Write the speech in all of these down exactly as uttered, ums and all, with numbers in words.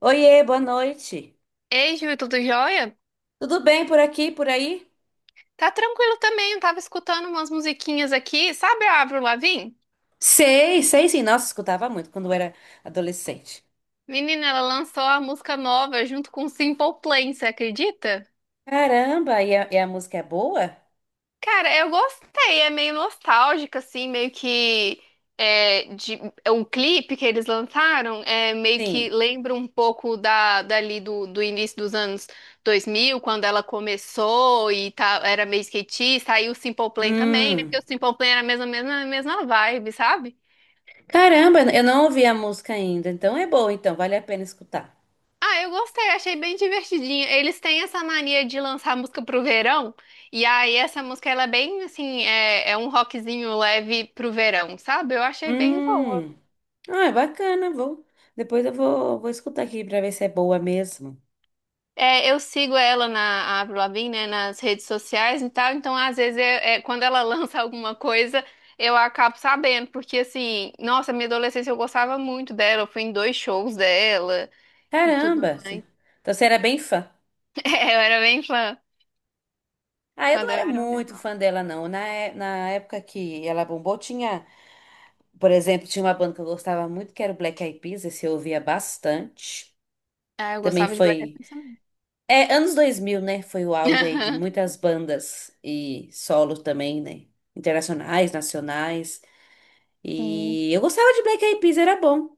Oiê, boa noite. Ei, Ju, tudo jóia? Tudo bem por aqui, por aí? Tá tranquilo também, eu tava escutando umas musiquinhas aqui. Sabe a Avril Lavigne? Sei, sei sim. Nossa, escutava muito quando eu era adolescente. Menina, ela lançou a música nova junto com Simple Plan, você acredita? Caramba, e a, e a música é boa? Cara, eu gostei, é meio nostálgica, assim, meio que. É, de, é um clipe que eles lançaram, é, meio que Sim. lembra um pouco da, dali do, do início dos anos dois mil, quando ela começou e tá, era meio skatista, aí o Simple Plan também, né? Porque Hum. o Simple Plan era a mesma, mesma, mesma vibe, sabe? Caramba, eu não ouvi a música ainda. Então é boa, então vale a pena escutar. Ah, eu gostei, achei bem divertidinho. Eles têm essa mania de lançar música pro verão, e aí essa música ela é bem assim, é, é um rockzinho leve pro verão, sabe? Eu achei bem boa. Hum. Ah, é bacana, vou. Depois eu vou, vou escutar aqui pra ver se é boa mesmo. É, eu sigo ela na a Avril Lavigne, né, nas redes sociais e tal, então às vezes é, é, quando ela lança alguma coisa, eu acabo sabendo, porque assim, nossa, minha adolescência eu gostava muito dela, eu fui em dois shows dela e tudo Caramba. você- mais. Então você era bem fã. É, eu era bem fã Ah, eu não quando eu era era mais muito nova. fã dela, não. Na, é- na época que ela bombou, tinha. Por exemplo, tinha uma banda que eu gostava muito, que era o Black Eyed Peas, esse eu ouvia bastante. Ah, eu Também gostava de Black Eyed foi. Peas também. É, anos dois mil, né? Foi o auge aí de muitas bandas e solo também, né? Internacionais, nacionais. Sim. E eu gostava de Black Eyed Peas, era bom.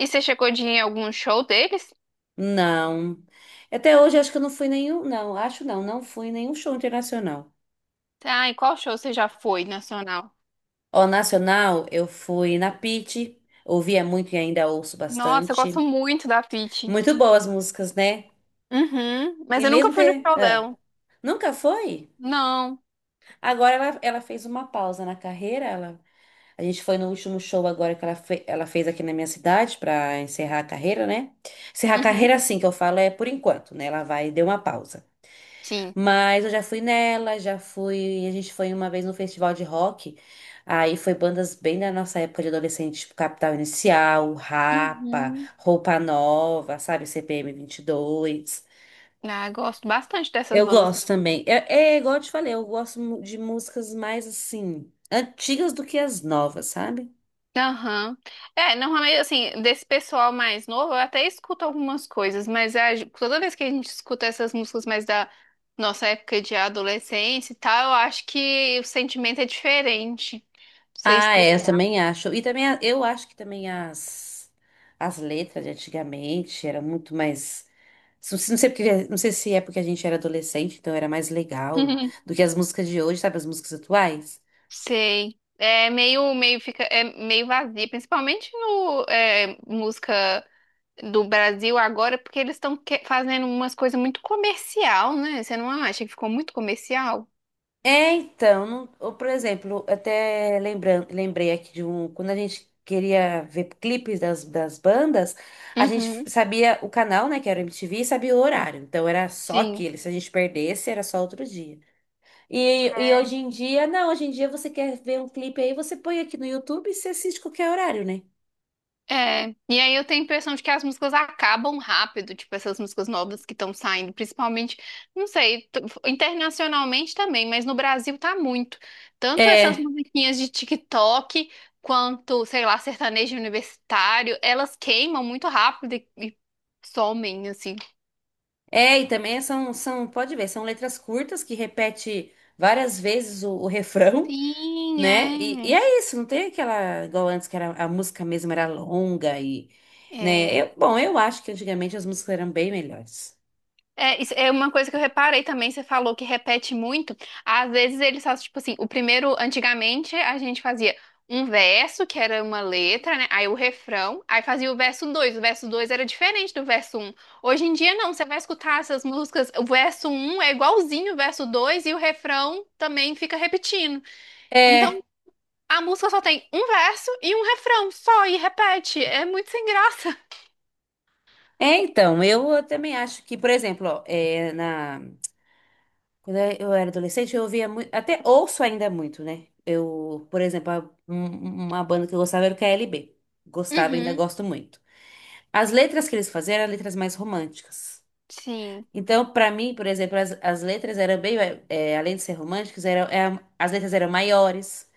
E você chegou de ir em algum show deles? Não. Até hoje acho que eu não fui nenhum. Não, acho não, não fui em nenhum show internacional. Ah, e qual show você já foi nacional? Ó, nacional, eu fui na Pitty, ouvia muito e ainda ouço Nossa, eu gosto bastante. muito da Pitty. Muito boas músicas, né? Uhum. Mas E eu nunca mesmo fui no ter. show ah, dela. Nunca foi? Não. Agora ela, ela fez uma pausa na carreira. Ela, a gente foi no último show agora que ela, fe- ela fez aqui na minha cidade para encerrar a carreira, né? Encerrar a Uhum. carreira, assim que eu falo, é por enquanto, né? Ela vai deu uma pausa. Sim. Mas eu já fui nela, já fui. A gente foi uma vez no festival de rock. Aí foi bandas bem da nossa época de adolescente, tipo Capital Inicial, Rapa, Uhum. Roupa Nova, sabe? C P M dois Ah, eu gosto bastante dessas eu bandas. gosto também. É, é igual eu te falei, eu gosto mu- de músicas mais assim, antigas do que as novas, sabe? Aham. É, normalmente, assim, desse pessoal mais novo, eu até escuto algumas coisas, mas a gen- toda vez que a gente escuta essas músicas mais da nossa época de adolescência e tal, eu acho que o sentimento é diferente. Não sei Ah, é, eu explicar. também acho. E também a- eu acho que também as, as letras de antigamente eram muito mais. Não sei, não sei porque- não sei se é porque a gente era adolescente, então era mais legal do que as músicas de hoje, sabe? As músicas atuais. Sei. É meio, meio fica, é meio vazia, principalmente no é, música do Brasil agora, porque eles estão fazendo umas coisas muito comercial, né? Você não acha que ficou muito comercial? É, então, não- ou, por exemplo, até lembran- lembrei aqui de um, quando a gente queria ver clipes das, das bandas, a gente f- Uhum. sabia o canal, né, que era o M T V, e sabia o horário. Então era só Sim. aquele, se a gente perdesse, era só outro dia. E, e hoje em dia, não, hoje em dia você quer ver um clipe aí, você põe aqui no YouTube e você assiste qualquer horário, né? É, e aí eu tenho a impressão de que as músicas acabam rápido, tipo essas músicas novas que estão saindo, principalmente, não sei, t- internacionalmente também, mas no Brasil tá muito. Tanto essas É. musiquinhas de TikTok quanto, sei lá, sertanejo universitário, elas queimam muito rápido e, e somem, assim. É, e também são, são, pode ver, são letras curtas que repete várias vezes o, o refrão. Né? E, e Sim, é isso, não tem aquela, igual antes, que era, a música mesmo era longa e, né? é. Eu, bom, eu acho que antigamente as músicas eram bem melhores. É, isso é uma coisa que eu reparei também, você falou que repete muito. Às vezes eles fazem, tipo assim, o primeiro, antigamente, a gente fazia um verso, que era uma letra, né? Aí o refrão, aí fazia o verso dois. O verso dois era diferente do verso um. Hoje em dia, não, você vai escutar essas músicas, o verso um é igualzinho o verso dois e o refrão também fica repetindo. Então, É, a música só tem um verso e um refrão, só, e repete. É muito sem graça. é então, eu também acho que, por exemplo, ó, é, na, quando eu era adolescente, eu ouvia muito, até ouço ainda muito, né? Eu, por exemplo, a- um- uma banda que eu gostava era o K L B. Gostava, ainda Uhum, gosto muito. As letras que eles faziam eram letras mais românticas. sim. Então, para mim, por exemplo, as, as letras eram bem, é, além de ser românticas, eram, é, as letras eram maiores,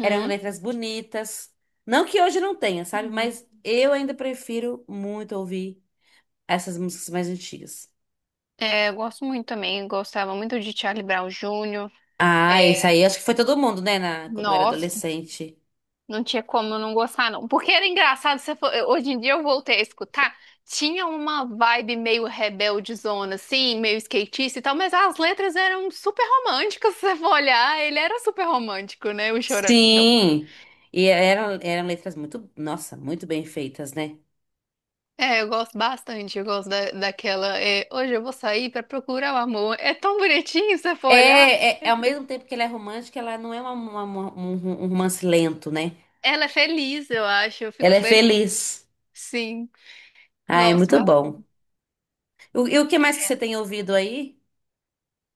eram letras bonitas. Não que hoje não tenha, sabe? Mas eu ainda prefiro muito ouvir essas músicas mais antigas. É, eu gosto muito também, gostava muito de Charlie Brown Júnior. É, Ah, esse aí acho que foi todo mundo, né? Na, quando eu era nossa, adolescente. não tinha como eu não gostar, não. Porque era engraçado, se for- eu- hoje em dia eu voltei a escutar, tinha uma vibe meio rebeldezona, assim, meio skatista e tal, mas as letras eram super românticas, se você for olhar, ele era super romântico, né, o Chorão. Sim! E eram, eram letras muito, nossa, muito bem feitas, né? É, eu gosto bastante, eu gosto da, daquela, é, hoje eu vou sair pra procurar o amor. É tão bonitinho, se você for É, olhar é, a é ao letra. mesmo tempo que ela é romântica, ela não é uma, uma- uma- um um romance lento, né? Ela é feliz, eu acho, eu fico Ela é feliz, feliz. sim. Ah, é Gosto muito bom. O- E o que mais que você tem ouvido aí?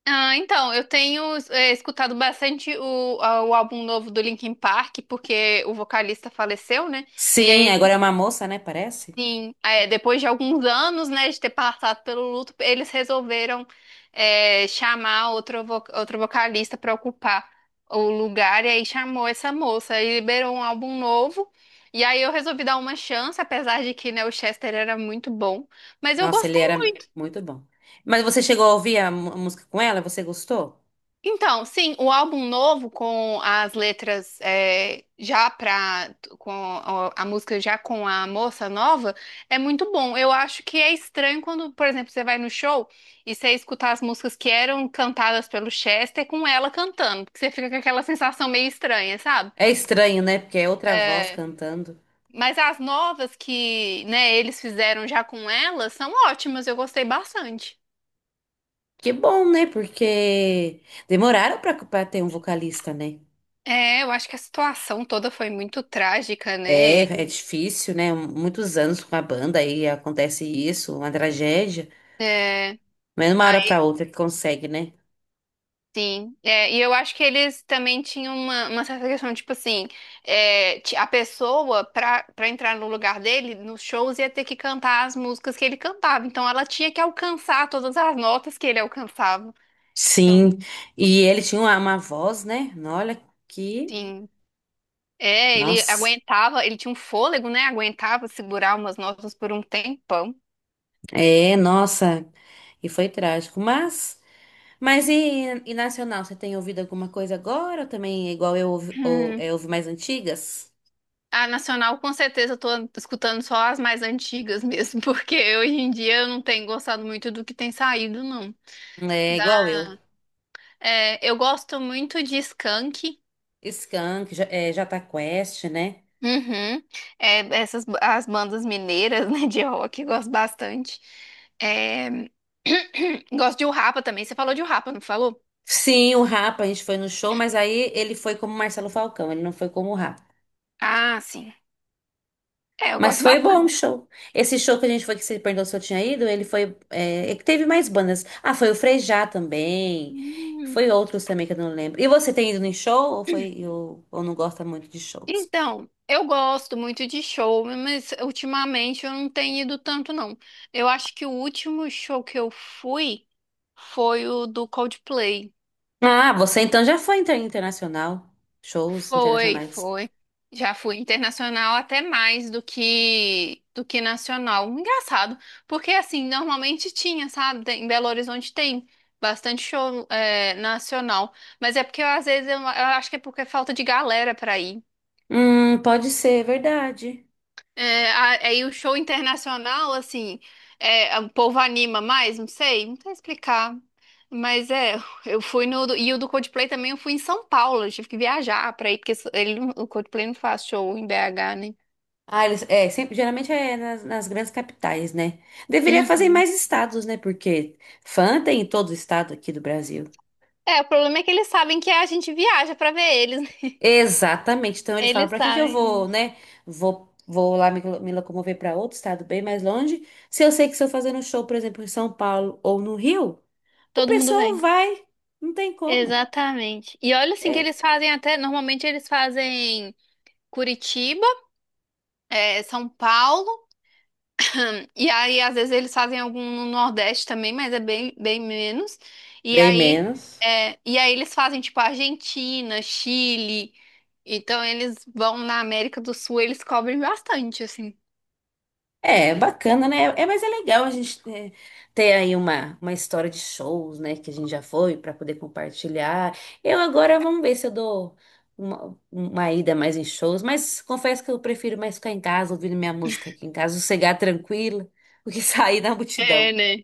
Ah, então, eu tenho é, escutado bastante o, a- o álbum novo do Linkin Park, porque o vocalista faleceu, né? E Sim, aí, eles, agora é uma moça, né? Parece. sim, é, depois de alguns anos, né, de ter passado pelo luto, eles resolveram é, chamar outro, vo- outro vocalista para ocupar o lugar, e aí chamou essa moça, e liberou um álbum novo. E aí eu resolvi dar uma chance, apesar de que, né, o Chester era muito bom. Mas eu Nossa, ele gostei. era muito bom. Mas você chegou a ouvir a mu- a música com ela? Você gostou? Então, sim, o álbum novo com as letras é, já pra, com a, a música já com a moça nova é muito bom. Eu acho que é estranho quando, por exemplo, você vai no show e você escutar as músicas que eram cantadas pelo Chester com ela cantando, porque você fica com aquela sensação meio estranha, sabe? É estranho, né? Porque é outra voz É, cantando. mas as novas que, né, eles fizeram já com ela são ótimas, eu gostei bastante. Que bom, né? Porque demoraram pra, pra ter um vocalista, né? É, eu acho que a situação toda foi muito trágica, né? É, é difícil, né? Muitos anos com a banda aí acontece isso, uma tragédia. É. Mas de uma hora pra outra que consegue, né? Sim, é, e eu acho que eles também tinham uma, uma certa questão, tipo assim, é, ti- a pessoa, pra, pra entrar no lugar dele, nos shows, ia ter que cantar as músicas que ele cantava. Então ela tinha que alcançar todas as notas que ele alcançava. Então, Sim. E ele tinha uma, uma voz, né? Olha que sim, é, ele nossa, aguentava, ele tinha um fôlego, né? Aguentava segurar umas notas por um tempão. é, nossa, e foi trágico. Mas, mas e, e nacional, você tem ouvido alguma coisa agora? Ou também é igual eu ouvi, ou, Hum, é, ouvi mais antigas? A Nacional, com certeza, eu tô escutando só as mais antigas mesmo, porque hoje em dia eu não tenho gostado muito do que tem saído, não. É igual eu. É, eu gosto muito de Skank. Skank, J- é, Jota Quest, né? Uhum. É, essas as bandas mineiras, né, de rock, eu gosto bastante. É, gosto de O Rapa também. Você falou de O Rapa, não falou? Sim, o Rapa, a gente foi no show, mas aí ele foi como Marcelo Falcão, ele não foi como o Rapa. Ah, sim. É, eu Mas gosto foi bom o bastante. show. Esse show que a gente foi, que você perguntou se eu tinha ido, ele foi. É, é que teve mais bandas. Ah, foi o Frejá também. Hum. Foi outros também que eu não lembro. E você tem ido em show ou foi ou, ou não gosta muito de shows? Então, eu gosto muito de show, mas ultimamente eu não tenho ido tanto, não. Eu acho que o último show que eu fui foi o do Coldplay. Ah, você então já foi inter- internacional. Shows Foi, internacionais. foi. Já fui internacional até mais do que do que nacional. Engraçado, porque assim, normalmente tinha, sabe? Tem- Em Belo Horizonte tem bastante show é, nacional, mas é porque eu, às vezes eu, eu acho que é porque é falta de galera pra ir. Hum, pode ser, é verdade. É, a- aí o show internacional, assim, é, é, o povo anima mais, não sei, não sei explicar. Mas é, eu fui no. do- E o do Coldplay também eu fui em São Paulo, eu tive que viajar pra ir, porque ele, não- o Coldplay não faz show em B H, né? Ah, eles, é, sempre, geralmente é nas, nas grandes capitais, né? Deveria fazer em Uhum. mais estados, né? Porque fã tem em todo estado aqui do Brasil. É, o problema é que eles sabem que a gente viaja pra ver eles, né? Exatamente. Então eles falam, Eles para que que eu sabem, vou, né? Vou, vou lá me, me locomover para outro estado bem mais longe. Se eu sei que se eu fazer um show, por exemplo, em São Paulo ou no Rio, o todo mundo pessoal vem. vai. Não tem como. Exatamente. E olha assim que É eles fazem até, normalmente eles fazem Curitiba, é, São Paulo. E aí, às vezes, eles fazem algum no Nordeste também, mas é bem, bem menos. E bem aí, menos. é, e aí eles fazem, tipo, Argentina, Chile. Então, eles vão na América do Sul, eles cobrem bastante, assim. É, bacana, né? É, mas é legal a gente ter, ter aí uma, uma história de shows, né? Que a gente já foi para poder compartilhar. Eu agora vamos ver se eu dou uma, uma ida mais em shows, mas confesso que eu prefiro mais ficar em casa, ouvindo minha música aqui em casa, sossegar tranquila, do que sair na É, multidão. né?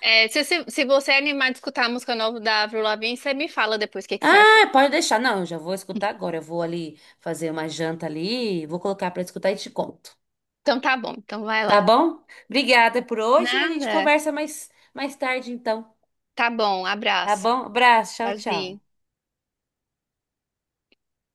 É, se, se, se você é animado de escutar a música nova da Avril Lavigne, você me fala depois o que, que você achou. Ah, pode deixar. Não, eu já vou escutar agora. Eu vou ali fazer uma janta ali, vou colocar para escutar e te conto. Então, tá bom. Então, vai Tá lá. bom? Obrigada por hoje e a gente Nada. conversa mais, mais tarde então. Tá bom. Tá Abraço. bom? Abraço, tchau, tchau. Tchauzinho.